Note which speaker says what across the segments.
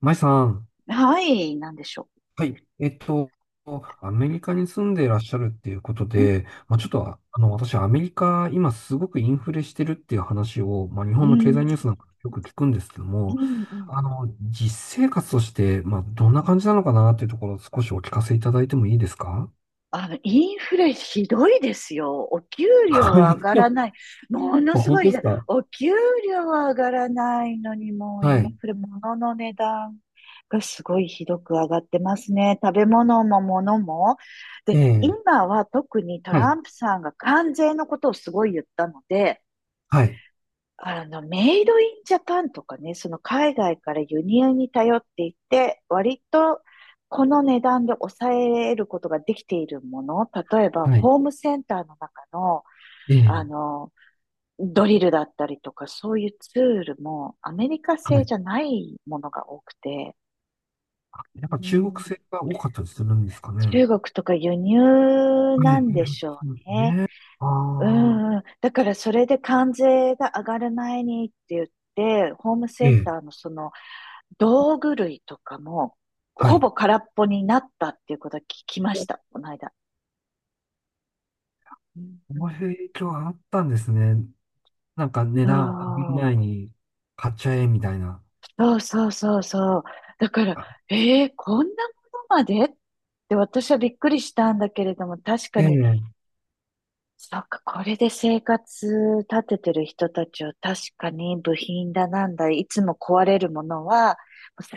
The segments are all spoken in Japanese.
Speaker 1: マイさん、
Speaker 2: はい、なんでしょ
Speaker 1: はい。アメリカに住んでいらっしゃるっていうこと
Speaker 2: うん、
Speaker 1: で、まあ、ちょっと、私、アメリカ、今すごくインフレしてるっていう話を、まあ、日
Speaker 2: う
Speaker 1: 本の経
Speaker 2: ん、
Speaker 1: 済ニュースなんかよく聞くんですけど
Speaker 2: う
Speaker 1: も、
Speaker 2: ん、うん。
Speaker 1: 実生活として、まあ、どんな感じなのかなっていうところを少しお聞かせいただいてもいいですか？
Speaker 2: インフレひどいですよ。お給料
Speaker 1: はい。
Speaker 2: は上がらない。も のすご
Speaker 1: 本
Speaker 2: い
Speaker 1: 当
Speaker 2: ひ
Speaker 1: で
Speaker 2: ど
Speaker 1: す
Speaker 2: い。
Speaker 1: か？
Speaker 2: お給料は上がらないのに、もう
Speaker 1: は
Speaker 2: イン
Speaker 1: い。
Speaker 2: フレ、物の値段がすごいひどく上がってますね。食べ物も物も。で、
Speaker 1: ええ、
Speaker 2: 今は特にト
Speaker 1: は
Speaker 2: ラ
Speaker 1: い。
Speaker 2: ンプさんが関税のことをすごい言ったので、
Speaker 1: はい。
Speaker 2: メイドインジャパンとかね、その海外から輸入に頼っていて、割とこの値段で抑えることができているもの、例えば
Speaker 1: はい。
Speaker 2: ホームセンターの中の、
Speaker 1: え
Speaker 2: あ
Speaker 1: え、
Speaker 2: の、ドリルだったりとか、そういうツールもアメリカ
Speaker 1: は
Speaker 2: 製
Speaker 1: い。
Speaker 2: じゃないものが多くて、
Speaker 1: やっぱ
Speaker 2: う
Speaker 1: 中国
Speaker 2: ん、
Speaker 1: 製が多かったりするんですかね？は
Speaker 2: 中国とか輸入なん
Speaker 1: い。
Speaker 2: で
Speaker 1: はい。
Speaker 2: しょうね。
Speaker 1: あ
Speaker 2: うんう
Speaker 1: あ。
Speaker 2: ん。だからそれで関税が上がる前にって言って、ホーム
Speaker 1: え
Speaker 2: セン
Speaker 1: え、
Speaker 2: ターのその道具類とかも、
Speaker 1: は
Speaker 2: ほ
Speaker 1: い。
Speaker 2: ぼ空っぽになったっていうことは聞きました、この間。うん、
Speaker 1: こういう影響があったんですね。なんか値段上げる前に買っちゃえみたいな。
Speaker 2: そうそうそうそうそう。だから、
Speaker 1: あ
Speaker 2: こんなものまでって私はびっくりしたんだけれども、確か
Speaker 1: え
Speaker 2: に、
Speaker 1: え、
Speaker 2: そっか、これで生活立ててる人たちを確かに部品だなんだ、いつも壊れるものは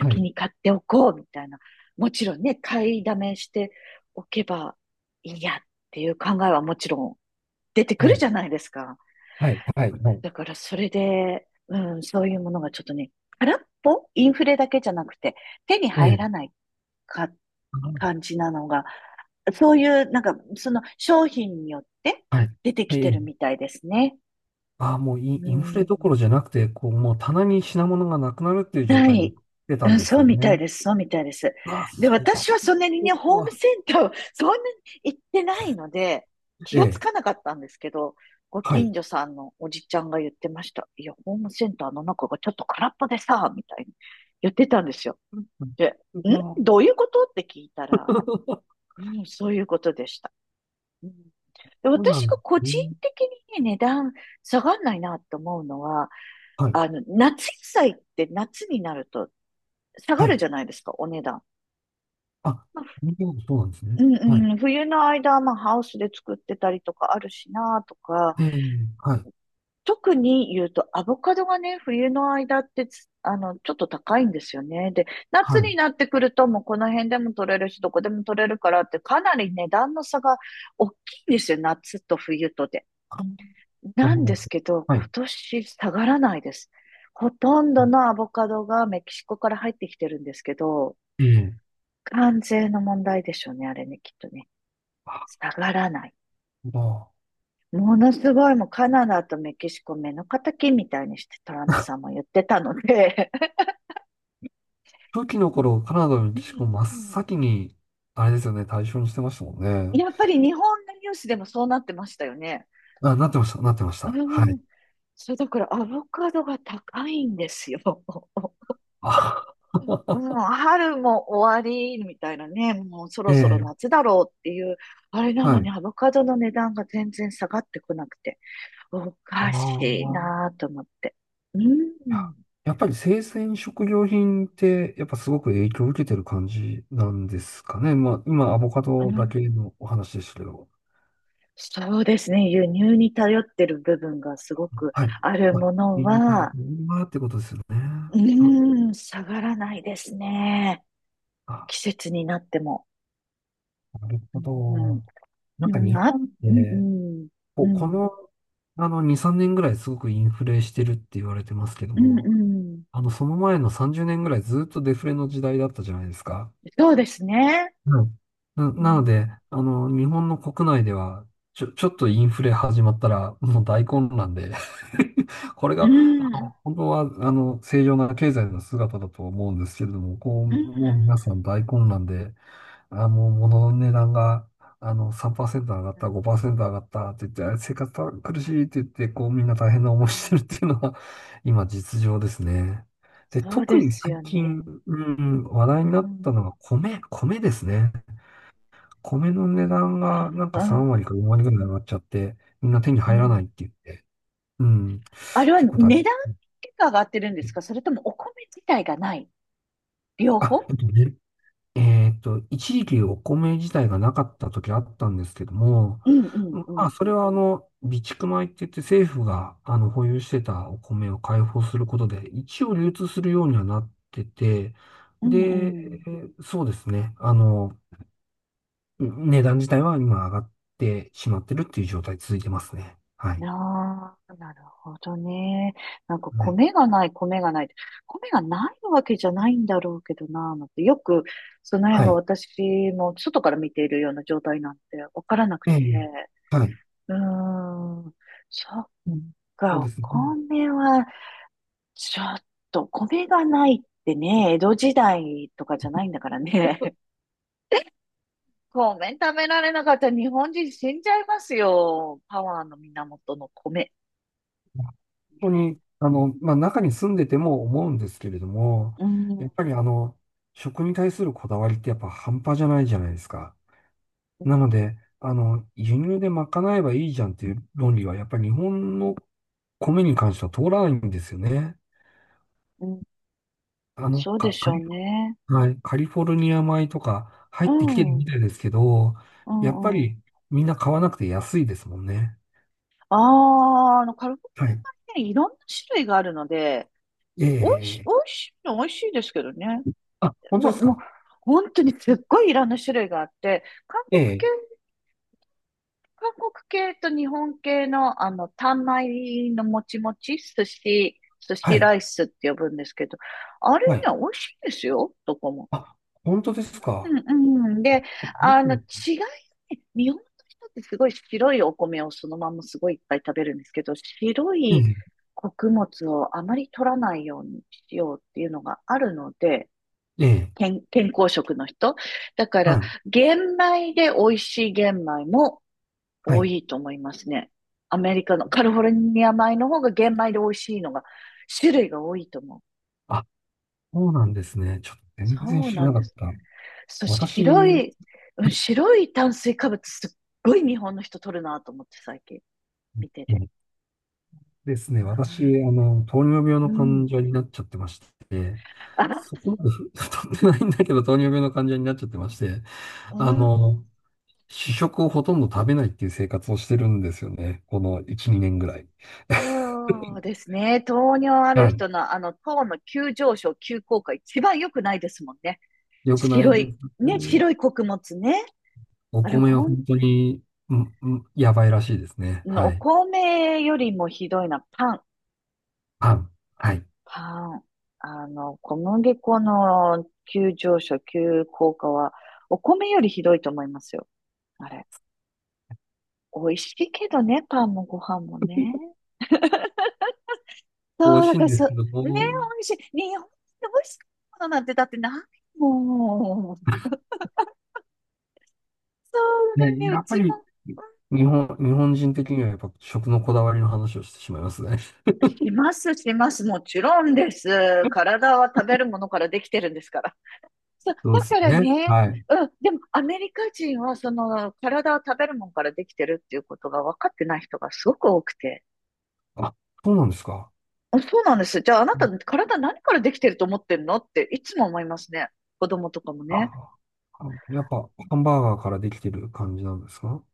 Speaker 1: はい、
Speaker 2: に買っておこうみたいな。もちろんね、買いだめしておけばいいやっていう考えはもちろん出てく
Speaker 1: は
Speaker 2: る
Speaker 1: い、
Speaker 2: じゃないですか。
Speaker 1: はい、はい、はい。
Speaker 2: だからそれで、うん、そういうものがちょっとね、空っぽインフレだけじゃなくて、手に
Speaker 1: え
Speaker 2: 入
Speaker 1: え、
Speaker 2: らないか感じなのが、そういう、その商品によって
Speaker 1: はい。
Speaker 2: 出てき
Speaker 1: え
Speaker 2: てる
Speaker 1: え、
Speaker 2: みたいですね。
Speaker 1: ああ、もう
Speaker 2: う
Speaker 1: インフレどこ
Speaker 2: ん、
Speaker 1: ろじゃなくて、こう、もう棚に品物がなくなるっていう状
Speaker 2: な
Speaker 1: 態に
Speaker 2: い。
Speaker 1: 出た
Speaker 2: う
Speaker 1: ん
Speaker 2: ん、
Speaker 1: です
Speaker 2: そう
Speaker 1: ね。
Speaker 2: みたいです。そうみたいです。
Speaker 1: うわ、
Speaker 2: で、
Speaker 1: そ
Speaker 2: 私はそんなにね、
Speaker 1: こ
Speaker 2: ホーム
Speaker 1: は、
Speaker 2: センターを そんなに行ってないので、気
Speaker 1: え
Speaker 2: がつ
Speaker 1: え、
Speaker 2: かなかったんですけど、ご
Speaker 1: はい。
Speaker 2: 近所さんのおじちゃんが言ってました。いや、ホームセンターの中がちょっと空っぽでさ、みたいに言ってたんですよ。で、
Speaker 1: う
Speaker 2: ん
Speaker 1: わ。
Speaker 2: ど ういうことって聞いたら、うん、そういうことでした。うん。で
Speaker 1: そうな
Speaker 2: 私
Speaker 1: んで
Speaker 2: が個
Speaker 1: すね。
Speaker 2: 人的にね、値段下がんないなと思うのは、
Speaker 1: はい、
Speaker 2: 夏野菜って夏になると下が
Speaker 1: は
Speaker 2: る
Speaker 1: い。
Speaker 2: じゃないですか、お値段。
Speaker 1: あ、
Speaker 2: まあ、
Speaker 1: そうなんですね。
Speaker 2: う
Speaker 1: はい。
Speaker 2: んうん、冬の間、まあ、ハウスで作ってたりとかあるしなとか、
Speaker 1: ええ、はい。
Speaker 2: 特に言うと、アボカドがね、冬の間ってつ、ちょっと高いんですよね。で、夏
Speaker 1: は
Speaker 2: に
Speaker 1: い。
Speaker 2: なってくると、もうこの辺でも取れるし、どこでも取れるからって、かなり値段の差が大きいんですよ、夏と冬とで。
Speaker 1: あな
Speaker 2: な
Speaker 1: るほ
Speaker 2: んで
Speaker 1: ど。
Speaker 2: すけど、
Speaker 1: は
Speaker 2: 今
Speaker 1: い。
Speaker 2: 年下がらないです。ほとんどのアボカドがメキシコから入ってきてるんですけど、
Speaker 1: ええ。
Speaker 2: 関税の問題でしょうね、あれね、きっとね。
Speaker 1: あ、
Speaker 2: 下がらない。
Speaker 1: まあ、
Speaker 2: ものすごいもうカナダとメキシコ目の敵みたいにしてトランプさんも言ってたので。
Speaker 1: 初期の頃、カナダのメキシコ真っ
Speaker 2: うん、
Speaker 1: 先に、あれですよね、対象にしてましたもんね。
Speaker 2: やっぱり日本のニュースでもそうなってましたよね。
Speaker 1: あ、なってました、なってまし
Speaker 2: う
Speaker 1: た。はい。
Speaker 2: ん、それだからアボカドが高いんですよ。
Speaker 1: あ。
Speaker 2: うん、春も終わりみたいなね、もうそ
Speaker 1: え
Speaker 2: ろそろ
Speaker 1: え、
Speaker 2: 夏だろうっていう、あれなの
Speaker 1: はい。
Speaker 2: にアボカドの値段が全然下がってこなくて、お
Speaker 1: あ
Speaker 2: か
Speaker 1: あ、
Speaker 2: しい
Speaker 1: まあ、
Speaker 2: なぁと思って。う
Speaker 1: いや、
Speaker 2: ん、
Speaker 1: やっぱり生鮮食料品って、やっぱすごく影響を受けてる感じなんですかね？まあ、今、アボカ
Speaker 2: う
Speaker 1: ドだ
Speaker 2: ん。
Speaker 1: けのお話でしたけど。
Speaker 2: そうですね。輸入に頼ってる部分がすごく
Speaker 1: はい。
Speaker 2: ある
Speaker 1: あ、
Speaker 2: もの
Speaker 1: いい
Speaker 2: は、
Speaker 1: なってことですよね。
Speaker 2: う
Speaker 1: あ、
Speaker 2: ーん、下がらないですね。
Speaker 1: あ
Speaker 2: 季節になっても。
Speaker 1: なる
Speaker 2: う
Speaker 1: ほ
Speaker 2: ん、
Speaker 1: ど。
Speaker 2: う
Speaker 1: なんか
Speaker 2: ん、う
Speaker 1: 日
Speaker 2: ん、あ、
Speaker 1: 本っ
Speaker 2: うん、う
Speaker 1: て、
Speaker 2: ん、う
Speaker 1: こ
Speaker 2: ん、
Speaker 1: の、2、3年ぐらいすごくインフレしてるって言われてますけど
Speaker 2: うん、う
Speaker 1: も、
Speaker 2: ん。
Speaker 1: その前の30年ぐらいずっとデフレの時代だったじゃないですか。
Speaker 2: そうですね。
Speaker 1: うん。
Speaker 2: う
Speaker 1: なの
Speaker 2: ん、
Speaker 1: で、あの、日本の国内では、ちょっとインフレ始まったら、もう大混乱で これ
Speaker 2: う
Speaker 1: が、あ
Speaker 2: ん、うん、
Speaker 1: の本当は、正常な経済の姿だと思うんですけれども、こう、
Speaker 2: うん、
Speaker 1: もう皆さん大混乱で、あ、もう物の値段が、3%上がっ
Speaker 2: う
Speaker 1: た、
Speaker 2: ん、
Speaker 1: 5%上がったって言って、生活苦しいって言って、こうみんな大変な思い
Speaker 2: う
Speaker 1: してるっ
Speaker 2: ん。
Speaker 1: ていうのは、今実情ですね。で、
Speaker 2: そう
Speaker 1: 特
Speaker 2: で
Speaker 1: に
Speaker 2: す
Speaker 1: 最
Speaker 2: よ
Speaker 1: 近、
Speaker 2: ね。
Speaker 1: うん、話題
Speaker 2: う
Speaker 1: になった
Speaker 2: ん、
Speaker 1: のが米ですね。米の値段
Speaker 2: う
Speaker 1: がなんか
Speaker 2: ん、
Speaker 1: 3割か4割ぐらい上がっちゃって、みんな手に
Speaker 2: う
Speaker 1: 入らないっ
Speaker 2: ん。
Speaker 1: て言って、うん、
Speaker 2: あれは
Speaker 1: 結構大
Speaker 2: 値段
Speaker 1: 変。
Speaker 2: 結果上がってるんですか、それともお米自体がない。両
Speaker 1: あ、え
Speaker 2: 方。
Speaker 1: っと、ねえーっと、一時期お米自体がなかった時あったんですけども、
Speaker 2: うん、
Speaker 1: ま
Speaker 2: う
Speaker 1: あ、
Speaker 2: ん、
Speaker 1: それはあの、備蓄米って言って政府があの保有してたお米を開放することで、一応流通するようにはなってて、
Speaker 2: う
Speaker 1: で、
Speaker 2: ん、う
Speaker 1: そうですね、値段自体は今上がってしまってるっていう状態続いてますね。は
Speaker 2: ん。
Speaker 1: い。
Speaker 2: ああ、なるほどね。なんか
Speaker 1: はい。
Speaker 2: 米がない、米がないって。米がないわけじゃないんだろうけどな、なんて。よく、その辺
Speaker 1: は
Speaker 2: が
Speaker 1: い。
Speaker 2: 私も外から見ているような状態なんてわからなく
Speaker 1: ええ、
Speaker 2: て。
Speaker 1: はい。
Speaker 2: うーん。そっ
Speaker 1: うん、そう
Speaker 2: か、
Speaker 1: で
Speaker 2: お
Speaker 1: すね。
Speaker 2: 米は、ちょっと、米がないってね、江戸時代とかじゃないんだからね。米食べられなかったら日本人死んじゃいますよ。パワーの源の米。
Speaker 1: 本当に、
Speaker 2: ね。
Speaker 1: あの、まあ、中に住んでても思うんですけれども、
Speaker 2: う
Speaker 1: やっ
Speaker 2: ん、
Speaker 1: ぱりあの、食に対するこだわりってやっぱ半端じゃないじゃないですか。なので、あの、輸入で賄えばいいじゃんっていう論理は、やっぱり日本の米に関しては通らないんですよね。
Speaker 2: うん、
Speaker 1: あの、
Speaker 2: そうで
Speaker 1: カ
Speaker 2: し
Speaker 1: カ
Speaker 2: ょう
Speaker 1: リ、
Speaker 2: ね。
Speaker 1: はい、カリフォルニア米とか入
Speaker 2: う
Speaker 1: ってきてる
Speaker 2: ん、う
Speaker 1: みたいですけど、やっぱ
Speaker 2: ん、うん。
Speaker 1: りみんな買わなくて安いですもんね。
Speaker 2: ああ、カルボ
Speaker 1: はい。
Speaker 2: ナーラね、いろんな種類があるので、美
Speaker 1: ええ、
Speaker 2: 味しいの美味しいですけどね。
Speaker 1: 本当で
Speaker 2: も
Speaker 1: す
Speaker 2: う、もう、
Speaker 1: か？
Speaker 2: 本当にすっごいいろんな種類があって、韓国系、
Speaker 1: ええ、
Speaker 2: 韓国系と日本系の、あの、単米のもちもち、寿
Speaker 1: は
Speaker 2: 司ラ
Speaker 1: い。
Speaker 2: イスって呼ぶんですけど、あれね、
Speaker 1: は
Speaker 2: 美
Speaker 1: い、
Speaker 2: 味しいですよ、どこも。
Speaker 1: あ、本当ですか？
Speaker 2: うんうん。で、
Speaker 1: う
Speaker 2: 違
Speaker 1: ん、
Speaker 2: いがね、日本の人ってすごい白いお米をそのまんますごいいっぱい食べるんですけど、白い穀物をあまり取らないようにしようっていうのがあるので、
Speaker 1: ええ、ええ、
Speaker 2: 健康食の人。だか
Speaker 1: は
Speaker 2: ら、
Speaker 1: い、
Speaker 2: 玄米で美味しい玄米も
Speaker 1: は
Speaker 2: 多
Speaker 1: い。
Speaker 2: いと思いますね。アメリカのカリフォルニア米の方が玄米で美味しいのが、種類が多いと思
Speaker 1: あ、そうな
Speaker 2: う。
Speaker 1: んですね。ちょっと全然
Speaker 2: そう
Speaker 1: 知ら
Speaker 2: な
Speaker 1: な
Speaker 2: ん
Speaker 1: か
Speaker 2: で
Speaker 1: っ
Speaker 2: す。
Speaker 1: た。
Speaker 2: そう、白
Speaker 1: 私。
Speaker 2: い、うん、白い炭水化物すっごい日本の人取るなと思って最近見て て。
Speaker 1: ええですね、私、
Speaker 2: あ
Speaker 1: あの、糖尿病
Speaker 2: ー
Speaker 1: の
Speaker 2: う
Speaker 1: 患
Speaker 2: ん。
Speaker 1: 者になっちゃってまして、
Speaker 2: あ、
Speaker 1: そこまで太ってないんだけど、糖尿病の患者になっちゃってまして、
Speaker 2: う
Speaker 1: あ
Speaker 2: ん。
Speaker 1: の、主食をほとんど食べないっていう生活をしてるんですよね。この1、2年ぐらい。
Speaker 2: そうですね。糖尿ある
Speaker 1: はい。
Speaker 2: 人の、あの、糖の急上昇、急降下、一番良くないですもんね。
Speaker 1: 良くない
Speaker 2: 白
Speaker 1: です
Speaker 2: い、ね、
Speaker 1: ね。
Speaker 2: 白い穀物ね。
Speaker 1: お
Speaker 2: あれ、
Speaker 1: 米は
Speaker 2: ほん、
Speaker 1: 本当に、うん、うん、やばいらしいですね。は
Speaker 2: お
Speaker 1: い。
Speaker 2: 米よりもひどいな。パン、
Speaker 1: パン。はい。
Speaker 2: パン。小麦粉の急上昇、急降下は、お米よりひどいと思いますよ。あれ。美味しいけどね、パンもご飯もね。
Speaker 1: 美味
Speaker 2: そう、
Speaker 1: し
Speaker 2: だ
Speaker 1: い
Speaker 2: か
Speaker 1: ん
Speaker 2: ら
Speaker 1: で
Speaker 2: そ
Speaker 1: す
Speaker 2: う、
Speaker 1: けど
Speaker 2: ね、美
Speaker 1: も、
Speaker 2: 味しい。日本で美味しいものなんてだってないもん。そうだ
Speaker 1: ね、
Speaker 2: ね、う
Speaker 1: やっぱ
Speaker 2: ちも。
Speaker 1: り、
Speaker 2: うん、
Speaker 1: 日本人的にはやっぱ食のこだわりの話をしてしまいますね。
Speaker 2: します、します。もちろんです。体は食べるものからできてるんですから。そう、
Speaker 1: そう
Speaker 2: だ
Speaker 1: ですよ
Speaker 2: から
Speaker 1: ね。
Speaker 2: ね、
Speaker 1: はい。
Speaker 2: うん、でもアメリカ人はその体は食べるものからできてるっていうことが分かってない人がすごく多くて。
Speaker 1: あ、そうなんですか。
Speaker 2: あ、そうなんです。じゃああな
Speaker 1: う
Speaker 2: た
Speaker 1: ん
Speaker 2: 体何からできてると思ってんのっていつも思いますね。子供とかもね。
Speaker 1: あ、やっぱハンバーガーからできてる感じなんですか？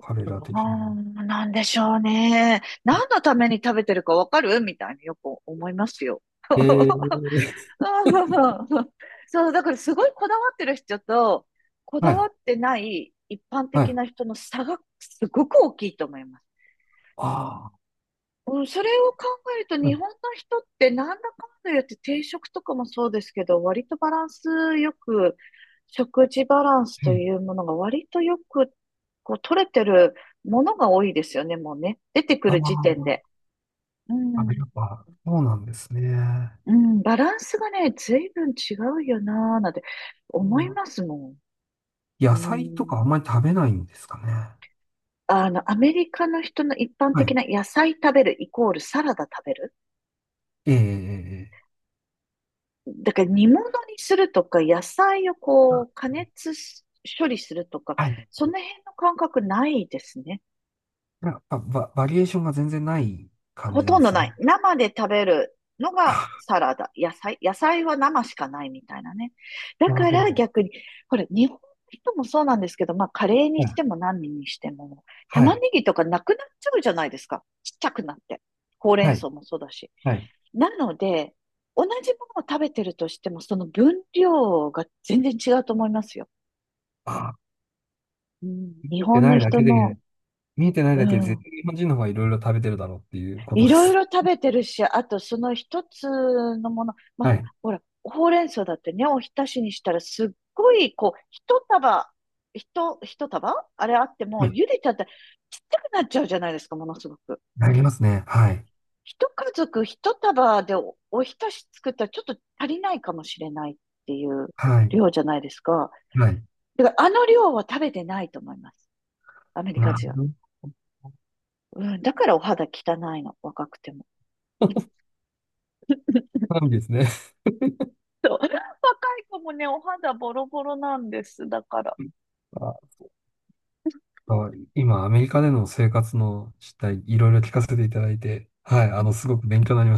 Speaker 1: 彼
Speaker 2: ど
Speaker 1: ら的に。
Speaker 2: うなんでしょうね。何のために食べてるかわかるみたいによく思いますよ。
Speaker 1: え ー、
Speaker 2: そう、だからすごいこだわってる人と、こ
Speaker 1: は
Speaker 2: だ
Speaker 1: い、
Speaker 2: わってない一般
Speaker 1: は
Speaker 2: 的
Speaker 1: い。
Speaker 2: な人の差がすごく大きいと思います。
Speaker 1: あ
Speaker 2: うん、それを考えると
Speaker 1: あ、は
Speaker 2: 日
Speaker 1: い。
Speaker 2: 本の人ってなんだかんだ言って定食とかもそうですけど割とバランスよく食事バランス
Speaker 1: は
Speaker 2: と
Speaker 1: い。
Speaker 2: いうものが割とよくこう取れてるものが多いですよね、もうね、出てく
Speaker 1: あ
Speaker 2: る時点
Speaker 1: あ、
Speaker 2: で。う
Speaker 1: や
Speaker 2: ん。
Speaker 1: っぱそうなんですね。
Speaker 2: うん、バランスがね、随分違うよなーなんて
Speaker 1: う
Speaker 2: 思い
Speaker 1: ん、
Speaker 2: ますもん。う
Speaker 1: 野菜とかあん
Speaker 2: ん。
Speaker 1: まり食べないんですかね？
Speaker 2: アメリカの人の一般
Speaker 1: は
Speaker 2: 的
Speaker 1: い。
Speaker 2: な野菜食べるイコールサラダ食べる。
Speaker 1: ええ、
Speaker 2: だから煮物にするとか、野菜をこう、加熱し処理するとか、
Speaker 1: はい。
Speaker 2: その辺の感覚ないですね。
Speaker 1: やっぱバリエーションが全然ない感
Speaker 2: ほ
Speaker 1: じな
Speaker 2: と
Speaker 1: ん
Speaker 2: ん
Speaker 1: で
Speaker 2: ど
Speaker 1: すよ
Speaker 2: な
Speaker 1: ね。
Speaker 2: い。生で食べるのが
Speaker 1: あ、
Speaker 2: サラダ。野菜、野菜は生しかないみたいなね。だ
Speaker 1: なる
Speaker 2: か
Speaker 1: ほ
Speaker 2: ら
Speaker 1: ど。
Speaker 2: 逆に、ほら、日本の人もそうなんですけど、まあ、カレーに
Speaker 1: は
Speaker 2: し
Speaker 1: い。
Speaker 2: ても何にしても、
Speaker 1: は
Speaker 2: 玉
Speaker 1: い。
Speaker 2: ねぎとかなくなっちゃうじゃないですか。ちっちゃくなって。ほうれん
Speaker 1: はい。
Speaker 2: 草もそうだし。
Speaker 1: はい。
Speaker 2: なので、同じものを食べてるとしても、その分量が全然違うと思いますよ。
Speaker 1: あ、
Speaker 2: うん。
Speaker 1: 見
Speaker 2: 日
Speaker 1: えて
Speaker 2: 本
Speaker 1: な
Speaker 2: の
Speaker 1: いだ
Speaker 2: 人
Speaker 1: け
Speaker 2: の、
Speaker 1: で、見えてない
Speaker 2: う
Speaker 1: だけで絶
Speaker 2: ん、
Speaker 1: 対日本人の方がいろいろ食べてるだろうっていうこと
Speaker 2: い
Speaker 1: で
Speaker 2: ろ
Speaker 1: す
Speaker 2: い
Speaker 1: ね。
Speaker 2: ろ食べてるし、あとその一つのもの、ま、
Speaker 1: はい。
Speaker 2: ほら、ほうれん草だってね、おひたしにしたらすっごい、こう、一束、一束あれあっても、
Speaker 1: はい。
Speaker 2: 茹でちゃったらちっちゃくなっちゃうじゃないですか、ものすごく。
Speaker 1: なりますね。はい。
Speaker 2: 一家族一束でお、おひたし作ったらちょっと足りないかもしれないっていう
Speaker 1: はい。
Speaker 2: 量じゃないですか。
Speaker 1: はい。
Speaker 2: だからあの量は食べてないと思います。アメリカ
Speaker 1: なる
Speaker 2: 人は。
Speaker 1: ほど。
Speaker 2: うん、だからお肌汚いの、若くても。
Speaker 1: なん。 ですね。
Speaker 2: そう。若い子もね、お肌ボロボロなんです。だから。
Speaker 1: あ今、アメリカでの生活の実態、いろいろ聞かせていただいて、はい、あ
Speaker 2: う
Speaker 1: の、
Speaker 2: ん
Speaker 1: すごく勉強になりました。